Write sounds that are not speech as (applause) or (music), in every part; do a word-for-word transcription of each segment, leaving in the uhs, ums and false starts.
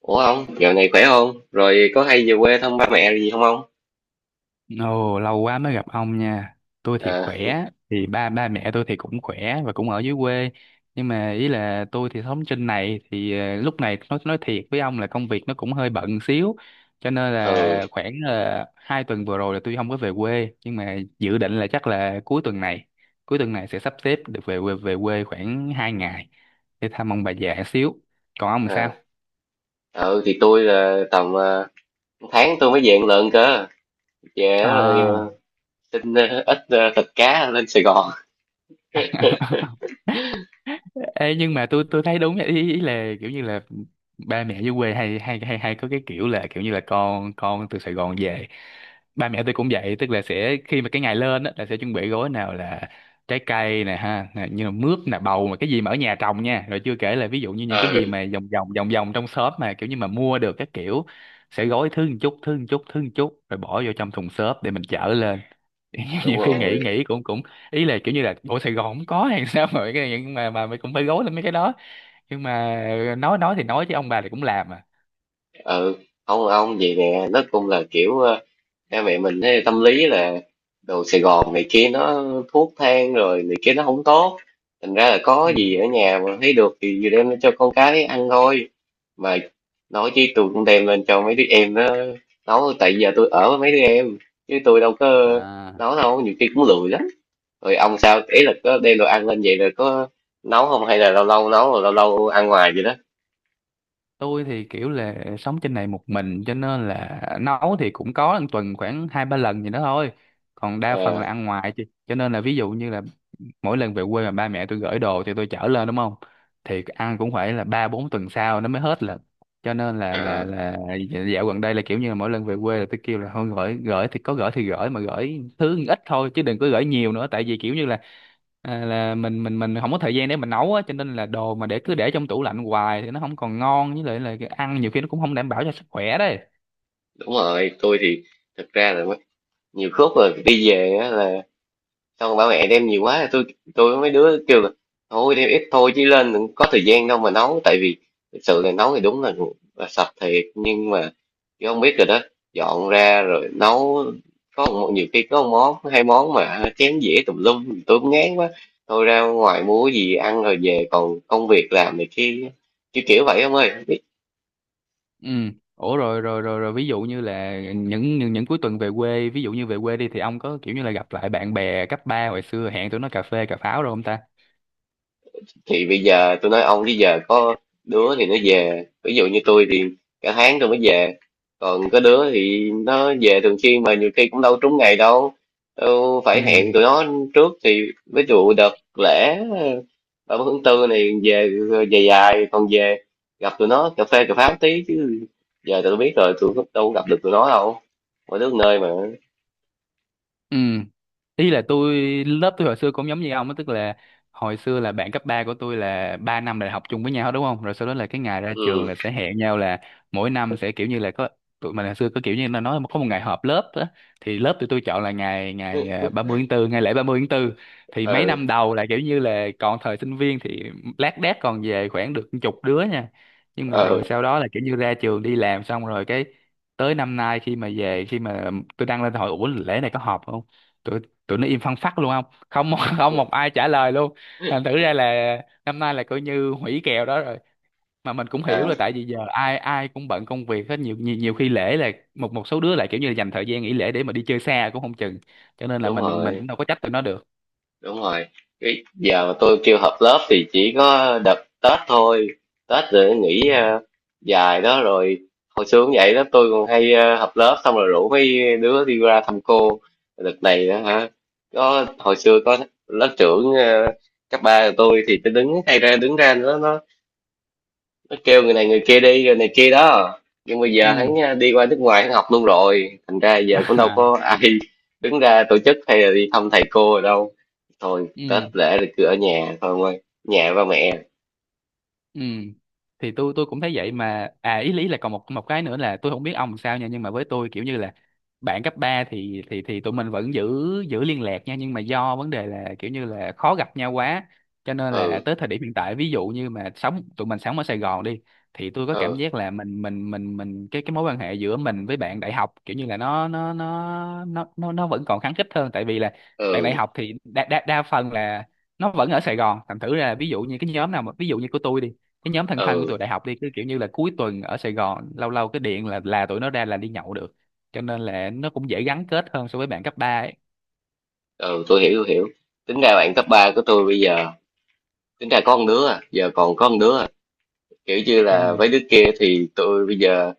Ủa ông, dạo này khỏe không? Rồi có hay về quê thăm ba mẹ gì không ông? Ồ, lâu quá mới gặp ông nha. Tôi thì À, khỏe, thì ba ba mẹ tôi thì cũng khỏe và cũng ở dưới quê. Nhưng mà ý là tôi thì sống trên này thì ờ, lúc này nói nói thiệt với ông là công việc nó cũng hơi bận xíu. Cho nên ừ, là khoảng là hai tuần vừa rồi là tôi không có về quê, nhưng mà dự định là chắc là cuối tuần này, cuối tuần này sẽ sắp xếp được về quê về quê khoảng hai ngày để thăm ông bà già xíu. Còn ông à, sao? à, ừ thì tôi là tầm ờ, tháng tôi mới về một lần cơ. Về rồi ờ, À. xin ờ, ít ờ, thịt cá lên Sài Gòn. (laughs) (laughs) Ê, nhưng mà tôi tôi thấy đúng vậy. ý, ý là kiểu như là ba mẹ dưới quê hay hay hay hay có cái kiểu là kiểu như là con con từ Sài Gòn về, ba mẹ tôi cũng vậy, tức là sẽ khi mà cái ngày lên á là sẽ chuẩn bị gói, nào là trái cây nè ha nè, như là mướp nè bầu mà cái gì mà ở nhà trồng nha, rồi chưa kể là ví dụ như những cái gì Ừ, mà vòng vòng vòng vòng trong shop mà kiểu như mà mua được các kiểu, sẽ gói thứ một chút thứ một chút thứ một chút rồi bỏ vô trong thùng xốp để mình chở lên. (laughs) đúng Nhiều khi nghĩ rồi. nghĩ cũng cũng ý là kiểu như là bộ Sài Gòn không có hay (laughs) sao mà mấy cái này, nhưng mà mà mình cũng phải gối lên mấy cái đó. Nhưng mà nói nói thì nói chứ ông bà thì cũng làm à. Ừ, không ông vậy nè, nó cũng là kiểu ờ, ba mẹ mình thấy tâm lý là đồ Sài Gòn này kia nó thuốc thang rồi này kia nó không tốt. Thành ra là Ừ. có gì ở nhà mà thấy được thì vừa đem cho con cái ăn thôi. Mà nói chứ tôi cũng đem lên cho mấy đứa em nó nấu, tại giờ tôi ở với mấy đứa em chứ tôi đâu có À. nấu đâu, nhiều khi cũng lười lắm. Rồi ông sao, ý là có đem đồ ăn lên vậy rồi có nấu không, hay là lâu lâu nấu rồi lâu lâu ăn ngoài vậy đó? Tôi thì kiểu là sống trên này một mình, cho nên là nấu thì cũng có một tuần khoảng hai ba lần gì đó thôi, còn đa phần Ờ, là ăn ngoài chị, cho nên là ví dụ như là mỗi lần về quê mà ba mẹ tôi gửi đồ thì tôi chở lên, đúng không? Thì ăn cũng phải là ba bốn tuần sau nó mới hết lần, cho nên là à, là là dạo gần đây là kiểu như là mỗi lần về quê là tôi kêu là thôi gửi gửi thì có gửi thì gửi mà gửi thứ ít thôi chứ đừng có gửi nhiều nữa, tại vì kiểu như là à, là mình mình mình không có thời gian để mình nấu á, cho nên là đồ mà để cứ để trong tủ lạnh hoài thì nó không còn ngon, với lại là cái ăn nhiều khi nó cũng không đảm bảo cho sức khỏe đấy. đúng rồi. Tôi thì thực ra là mấy- nhiều khúc rồi đi về á là xong bảo mẹ đem nhiều quá, tôi tôi với mấy đứa kêu là thôi đem ít thôi chứ lên đừng, có thời gian đâu mà nấu, tại vì thực sự là nấu thì đúng là, là sạch thiệt nhưng mà chứ không biết rồi đó, dọn ra rồi nấu có một, nhiều khi có một món hai món mà chén dĩa tùm lum tôi cũng ngán quá, thôi ra ngoài mua cái gì ăn rồi về còn công việc làm này kia chứ, kiểu vậy ông ơi. Ừ. Ủa, rồi rồi rồi rồi ví dụ như là những những, những cuối tuần về quê, ví dụ như về quê đi thì ông có kiểu như là gặp lại bạn bè cấp ba hồi xưa, hẹn tụi nó cà phê cà pháo rồi không ta? Thì bây giờ tôi nói ông chứ giờ có đứa thì nó về, ví dụ như tôi thì cả tháng tôi mới về, còn có đứa thì nó về thường xuyên mà nhiều khi cũng đâu trúng ngày đâu, đâu Ừ. phải hẹn tụi nó trước. Thì ví dụ đợt lễ ba mươi tháng tư này về dài dài còn về gặp tụi nó cà phê cà pháo tí chứ, giờ tụi tôi biết rồi, tụi nó đâu có gặp được tụi nó đâu, mỗi đứa một nơi mà. Ừ. Ý là tôi, lớp tôi hồi xưa cũng giống như ông á, tức là hồi xưa là bạn cấp ba của tôi là ba năm đại học chung với nhau hết, đúng không? Rồi sau đó là cái ngày ra trường Ừ. là sẽ hẹn nhau là mỗi năm sẽ kiểu như là có, tụi mình hồi xưa có kiểu như là nói có một ngày họp lớp á, thì lớp tụi tôi chọn là ngày ngày à, (laughs) ba mươi tháng tư, ngày lễ ba mươi tháng tư. Thì mấy Ừ. năm đầu là kiểu như là còn thời sinh viên thì lác đác còn về khoảng được chục đứa nha. Nhưng mà Ừ. rồi sau đó là kiểu như ra trường đi làm xong rồi cái, tới năm nay khi mà về, khi mà tôi đăng lên hỏi ủa lễ này có họp không, tụi tụi nó im phăng phắc luôn, không không một- (laughs) không một ai trả lời luôn. Ừ. Thành thử ra là năm nay là coi như hủy kèo đó rồi, mà mình cũng hiểu À, là tại vì giờ ai ai cũng bận công việc hết, nhiều nhiều nhiều khi lễ là một một số đứa lại kiểu như là dành thời gian nghỉ lễ để mà đi chơi xa cũng không chừng, cho nên là đúng mình mình cũng rồi. đâu có trách tụi nó được. Đúng rồi, cái giờ mà tôi kêu họp lớp thì chỉ có đợt Tết thôi, Tết rồi nghỉ Ừ. ờ, dài đó rồi. Hồi xưa cũng vậy đó, tôi còn hay ờ, họp lớp xong rồi rủ mấy đứa đi ra thăm cô. Đợt này đó hả, có, hồi xưa có lớp trưởng ờ, cấp ba của tôi, thì tôi đứng hay ra đứng ra, nó nó nó kêu người này người kia đi rồi này kia đó. Nhưng bây Ừ. giờ hắn à, đi qua nước ngoài hắn học luôn rồi, thành ra giờ cũng đâu có (laughs) ai (laughs) đứng ra tổ chức hay là đi thăm thầy cô rồi đâu. Thôi Ừ. Tết lễ thì cứ ở nhà thôi ông ơi, nhà ba mẹ. Ừ. Thì tôi tôi cũng thấy vậy mà à ý lý là còn một một cái nữa là tôi không biết ông sao nha, nhưng mà với tôi kiểu như là bạn cấp ba thì thì thì tụi mình vẫn giữ giữ liên lạc nha, nhưng mà do vấn đề là kiểu như là khó gặp nhau quá, cho nên là Ừ. tới thời điểm hiện tại, ví dụ như mà sống tụi mình sống ở Sài Gòn đi, thì tôi có cảm Ừ. giác là mình mình mình mình cái cái mối quan hệ giữa mình với bạn đại học kiểu như là nó nó nó nó nó nó vẫn còn khăng khít hơn, tại vì là bạn đại Ừ. học thì đa đa, đa phần là nó vẫn ở Sài Gòn, thành thử ra là ví dụ như cái nhóm nào mà ví dụ như của tôi đi, cái nhóm thân thân của tụi Ừ. đại học đi cứ kiểu như là cuối tuần ở Sài Gòn, lâu lâu cái điện là là tụi nó ra là đi nhậu được, cho nên là nó cũng dễ gắn kết hơn so với bạn cấp ba ấy. Ừ. Tôi hiểu, tôi hiểu. Tính ra bạn cấp ba của tôi bây giờ, tính ra có con đứa à, giờ còn có con đứa à. Kiểu như là Ừ. với đứa kia thì tôi bây giờ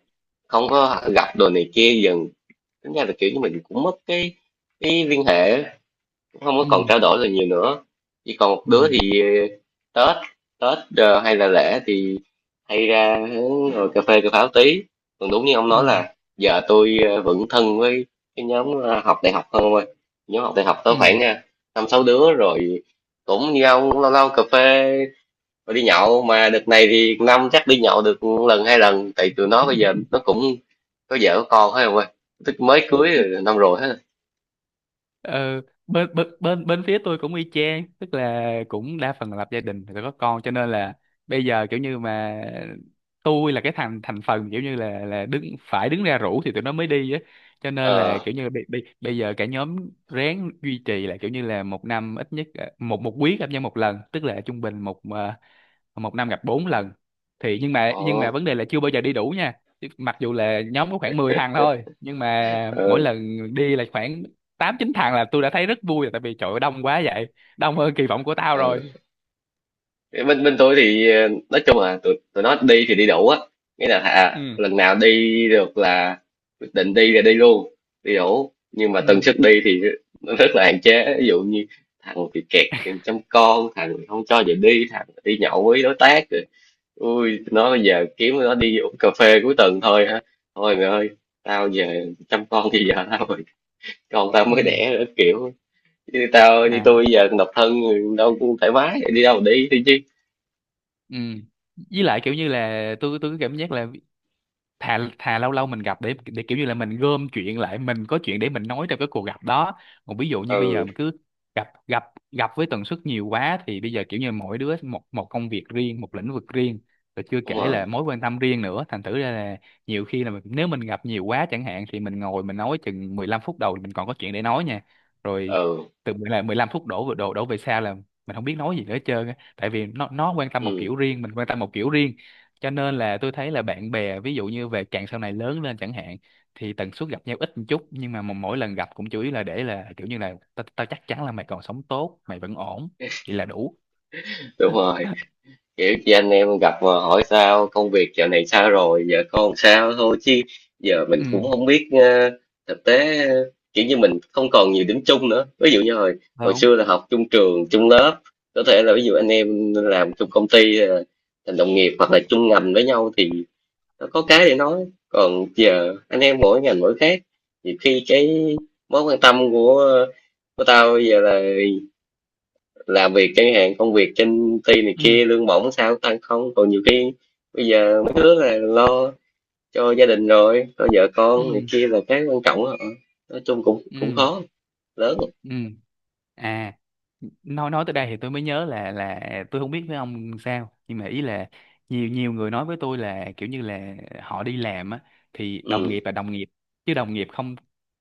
không có gặp, đồ này kia dần, tính ra là kiểu như mình cũng mất cái cái liên hệ á. Không có Ừ. còn trao đổi là nhiều nữa, chỉ còn một đứa Ừ. thì ờ, Tết, Tết ờ, hay là lễ thì hay ra hướng ngồi cà phê cà pháo tí. Còn đúng như ông nói Ừ. là giờ tôi ờ, vẫn thân với cái nhóm ờ, học đại học hơn ông ơi. Nhóm học đại học tới Ừ. khoảng ờ, năm sáu đứa rồi, cũng như ông cũng lâu lâu cà phê rồi đi nhậu, mà đợt này thì năm chắc đi nhậu được một lần hai lần, tại tụi nó bây giờ nó (laughs) cũng có vợ có con hết ông ơi, tức mới cưới rồi, năm rồi hết. Ờ, bên bên bên bên phía tôi cũng y chang, tức là cũng đa phần là lập gia đình rồi có con, cho nên là bây giờ kiểu như mà tôi là cái thành thành phần kiểu như là là đứng phải đứng ra rủ thì tụi nó mới đi á, cho nên là Ờ. kiểu như bây, bây, bây giờ cả nhóm ráng duy trì là kiểu như là một năm ít nhất ờ, một một quý gặp nhau một lần, tức là trung bình một ờ, một năm gặp bốn lần. Thì nhưng mà nhưng mà Ờ. vấn đề là chưa bao giờ đi đủ nha. Chứ mặc dù là nhóm có khoảng mười thằng thôi nhưng mà mỗi Ờ. lần đi là khoảng tám chín thằng là tôi đã thấy rất vui rồi, tại vì trời ơi, đông quá vậy, đông hơn kỳ vọng của tao Ờ. rồi. bên bên tôi thì ờ, nói chung là tụi tụi nó đi thì đi đủ á, nghĩa là à, Ừ. lần nào đi được là quyết định đi là đi luôn, đi đủ, nhưng mà tần Ừ. suất đi thì nó rất là hạn chế. Ví dụ như thằng thì kẹt chăm con, thằng thì không cho về đi, thằng đi nhậu với đối tác rồi, ui tụi nó bây giờ kiếm nó đi uống cà phê cuối tuần thôi hả, thôi mày ơi tao giờ chăm con thì giờ tao rồi, con tao mới Ừ. đẻ nữa, kiểu như tao, như tôi bây À. giờ độc thân đâu cũng thoải mái, đi đâu mà đi đi chứ. Ừ. Với lại kiểu như là tôi tôi có cảm giác là thà thà lâu lâu mình gặp để để kiểu như là mình gom chuyện lại, mình có chuyện để mình nói trong cái cuộc gặp đó. Còn ví dụ như bây Ừ, giờ mà cứ gặp gặp gặp với tần suất nhiều quá thì bây giờ kiểu như mỗi đứa một một công việc riêng, một lĩnh vực riêng, rồi chưa đúng kể rồi. là mối quan tâm riêng nữa, thành thử ra là nhiều khi là mình, nếu mình gặp nhiều quá chẳng hạn thì mình ngồi mình nói chừng mười lăm phút đầu thì mình còn có chuyện để nói nha, rồi Ừ. từ mười là mười lăm phút đổ về- đổ đổ về sau là mình không biết nói gì nữa hết trơn á, tại vì nó nó quan tâm một Ừ, kiểu riêng, mình quan tâm một kiểu riêng, cho nên là tôi thấy là bạn bè ví dụ như về càng sau này lớn lên chẳng hạn thì tần suất gặp nhau ít một chút, nhưng mà mà mỗi lần gặp cũng chủ yếu là để là kiểu như là tao tao chắc chắn là mày còn sống tốt, mày vẫn ổn, vậy là đủ. đúng rồi. (laughs) Kiểu chị anh em gặp mà hỏi sao công việc dạo này sao rồi, giờ con sao thôi chứ, giờ mình cũng Ừ. không biết ờ, thực tế ờ, kiểu như mình không còn nhiều điểm chung nữa, ví dụ như hồi hồi Không. xưa là học chung trường chung lớp, có thể là ví dụ anh em làm chung công ty ờ, thành đồng nghiệp hoặc là chung ngành với nhau thì nó có cái để nói, còn giờ anh em mỗi ngành mỗi khác, nhiều khi cái mối quan tâm của của tao bây giờ là làm việc chẳng hạn, công việc trên ty này Ừ. kia lương bổng sao tăng không, còn nhiều khi bây giờ mấy đứa là lo cho gia đình rồi lo vợ con này Ừ. kia là cái quan trọng đó. Nói chung cũng cũng Ừ. khó lớn. Ừ. À, nói nói tới đây thì tôi mới nhớ là là tôi không biết với ông sao, nhưng mà ý là nhiều nhiều người nói với tôi là kiểu như là họ đi làm á thì đồng Ừ. nghiệp là đồng nghiệp, chứ đồng nghiệp không,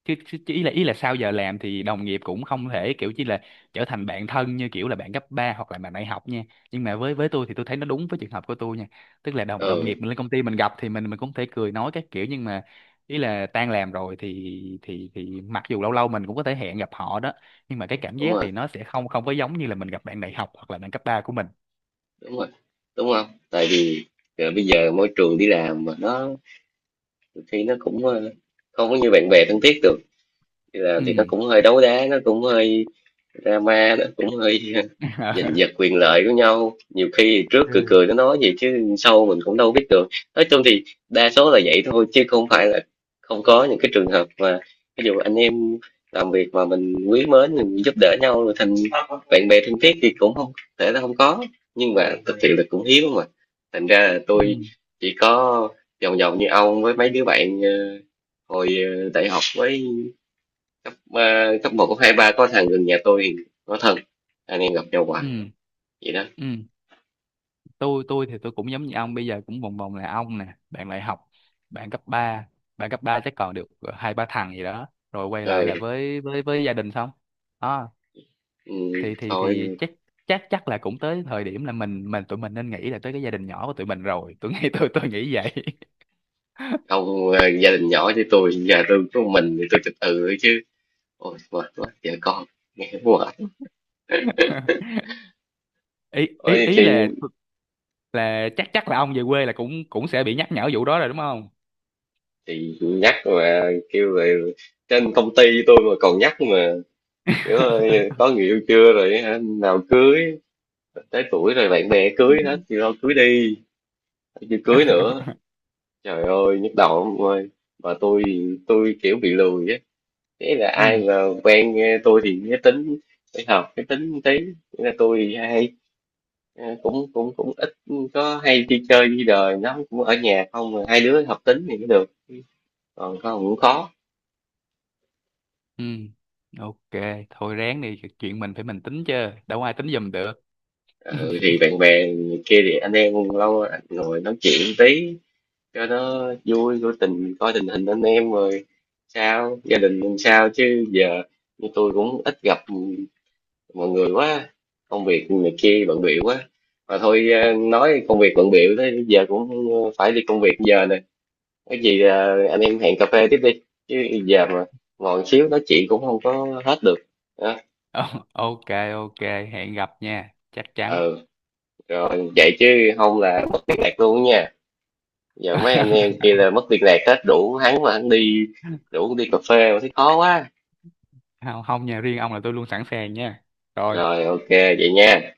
chứ, chứ chứ ý là ý là sau giờ làm thì đồng nghiệp cũng không thể kiểu chỉ là trở thành bạn thân như kiểu là bạn cấp ba hoặc là bạn đại học nha. Nhưng mà với với tôi thì tôi thấy nó đúng với trường hợp của tôi nha, tức là đồng đồng Ừ, nghiệp mình lên công ty mình gặp thì mình mình cũng thể cười nói các kiểu, nhưng mà ý là tan làm rồi thì thì thì mặc dù lâu lâu mình cũng có thể hẹn gặp họ đó, nhưng mà cái cảm đúng giác rồi. thì nó sẽ không không có giống như là mình gặp bạn đại học hoặc là bạn cấp ba của mình. Đúng rồi, đúng không? Tại vì ờ, bây giờ môi trường đi làm mà nó nhiều khi nó cũng ờ, không có như bạn bè thân thiết được. Đi Ừ. làm thì nó cũng hơi đấu đá, nó cũng hơi drama đó, cũng hơi (laughs) giành (laughs) giật quyền lợi của nhau, nhiều khi trước cười Ừ. cười nó nói gì chứ sau mình cũng đâu biết được. Nói chung thì đa số là vậy thôi chứ không phải là không có những cái trường hợp mà ví dụ anh em làm việc mà mình quý mến mình giúp đỡ nhau rồi thành bạn bè thân thiết thì cũng không thể là không có, nhưng mà thực sự là cũng hiếm mà. Thành ra là Ừ. tôi chỉ có vòng vòng như ông với mấy đứa bạn ờ, hồi ờ, đại học với cấp ờ, cấp một cấp hai ba, có thằng gần nhà tôi có thân, anh em gặp nhau hoài Ừ. vậy đó. Ừ. tôi tôi thì tôi cũng giống như ông, bây giờ cũng vòng vòng là ông nè, bạn đại học, bạn cấp ba, bạn cấp ba chắc còn được ờ, hai ba thằng gì đó, rồi quay lại là Ừ, với với với gia đình xong đó. ừ, Thì thì thì thôi chắc chắc chắc là cũng tới thời điểm là mình mình tụi mình nên nghĩ là tới cái gia đình nhỏ của tụi mình rồi, tôi nghĩ tôi tôi nghĩ vậy. ông ờ, gia đình nhỏ chứ tôi, nhà tôi có mình thì tôi từ tự thôi chứ. Ôi mệt quá vợ con, nghe mệt. (laughs) ý ý Ôi chị ý là là chắc chắc là ông về quê là cũng cũng sẽ bị nhắc nhở vụ đó rồi, đúng không? chị nhắc mà kêu về, trên công ty tôi mà còn nhắc mà, kiểu ơi, có người yêu chưa rồi hả? Nào cưới, tới tuổi rồi bạn bè cưới hết thì lo (laughs) cưới đi, chưa cưới nữa, trời ơi nhức đầu ông ơi. Mà tôi tôi kiểu bị lười á, thế là Ừ. ai mà quen eh, tôi thì cái tính phải hợp cái tính một tí. Thế là tôi hay eh, cũng cũng cũng ít có hay đi chơi đi đời lắm, cũng ở nhà không, mà hai đứa hợp tính thì mới được, còn không cũng khó. Ừ. OK, thôi ráng đi, chuyện mình phải mình tính chứ, đâu ai tính giùm được. Ừ, thì bạn bè kia thì anh em lâu ngồi nói chuyện tí cho nó vui, coi tình coi tình hình anh em rồi sao gia đình làm sao chứ giờ như tôi cũng ít gặp mọi người quá, công việc này kia bận bịu quá, mà thôi ờ, nói công việc bận bịu thế giờ cũng phải đi công việc giờ nè, cái gì ờ, anh em hẹn cà phê tiếp đi chứ giờ mà ngồi xíu nói chuyện cũng không có hết được. Đó. (laughs) Ờ, OK. OK, hẹn gặp nha, chắc chắn. Ừ, rồi vậy chứ không là mất liên lạc luôn nha, giờ mấy anh em (laughs) kia là mất liên lạc hết, đủ hắn mà hắn đi đủ đi cà phê mà thấy khó quá. Không, không nha, riêng ông là tôi luôn sẵn sàng nha. Rồi. Rồi ok vậy nha.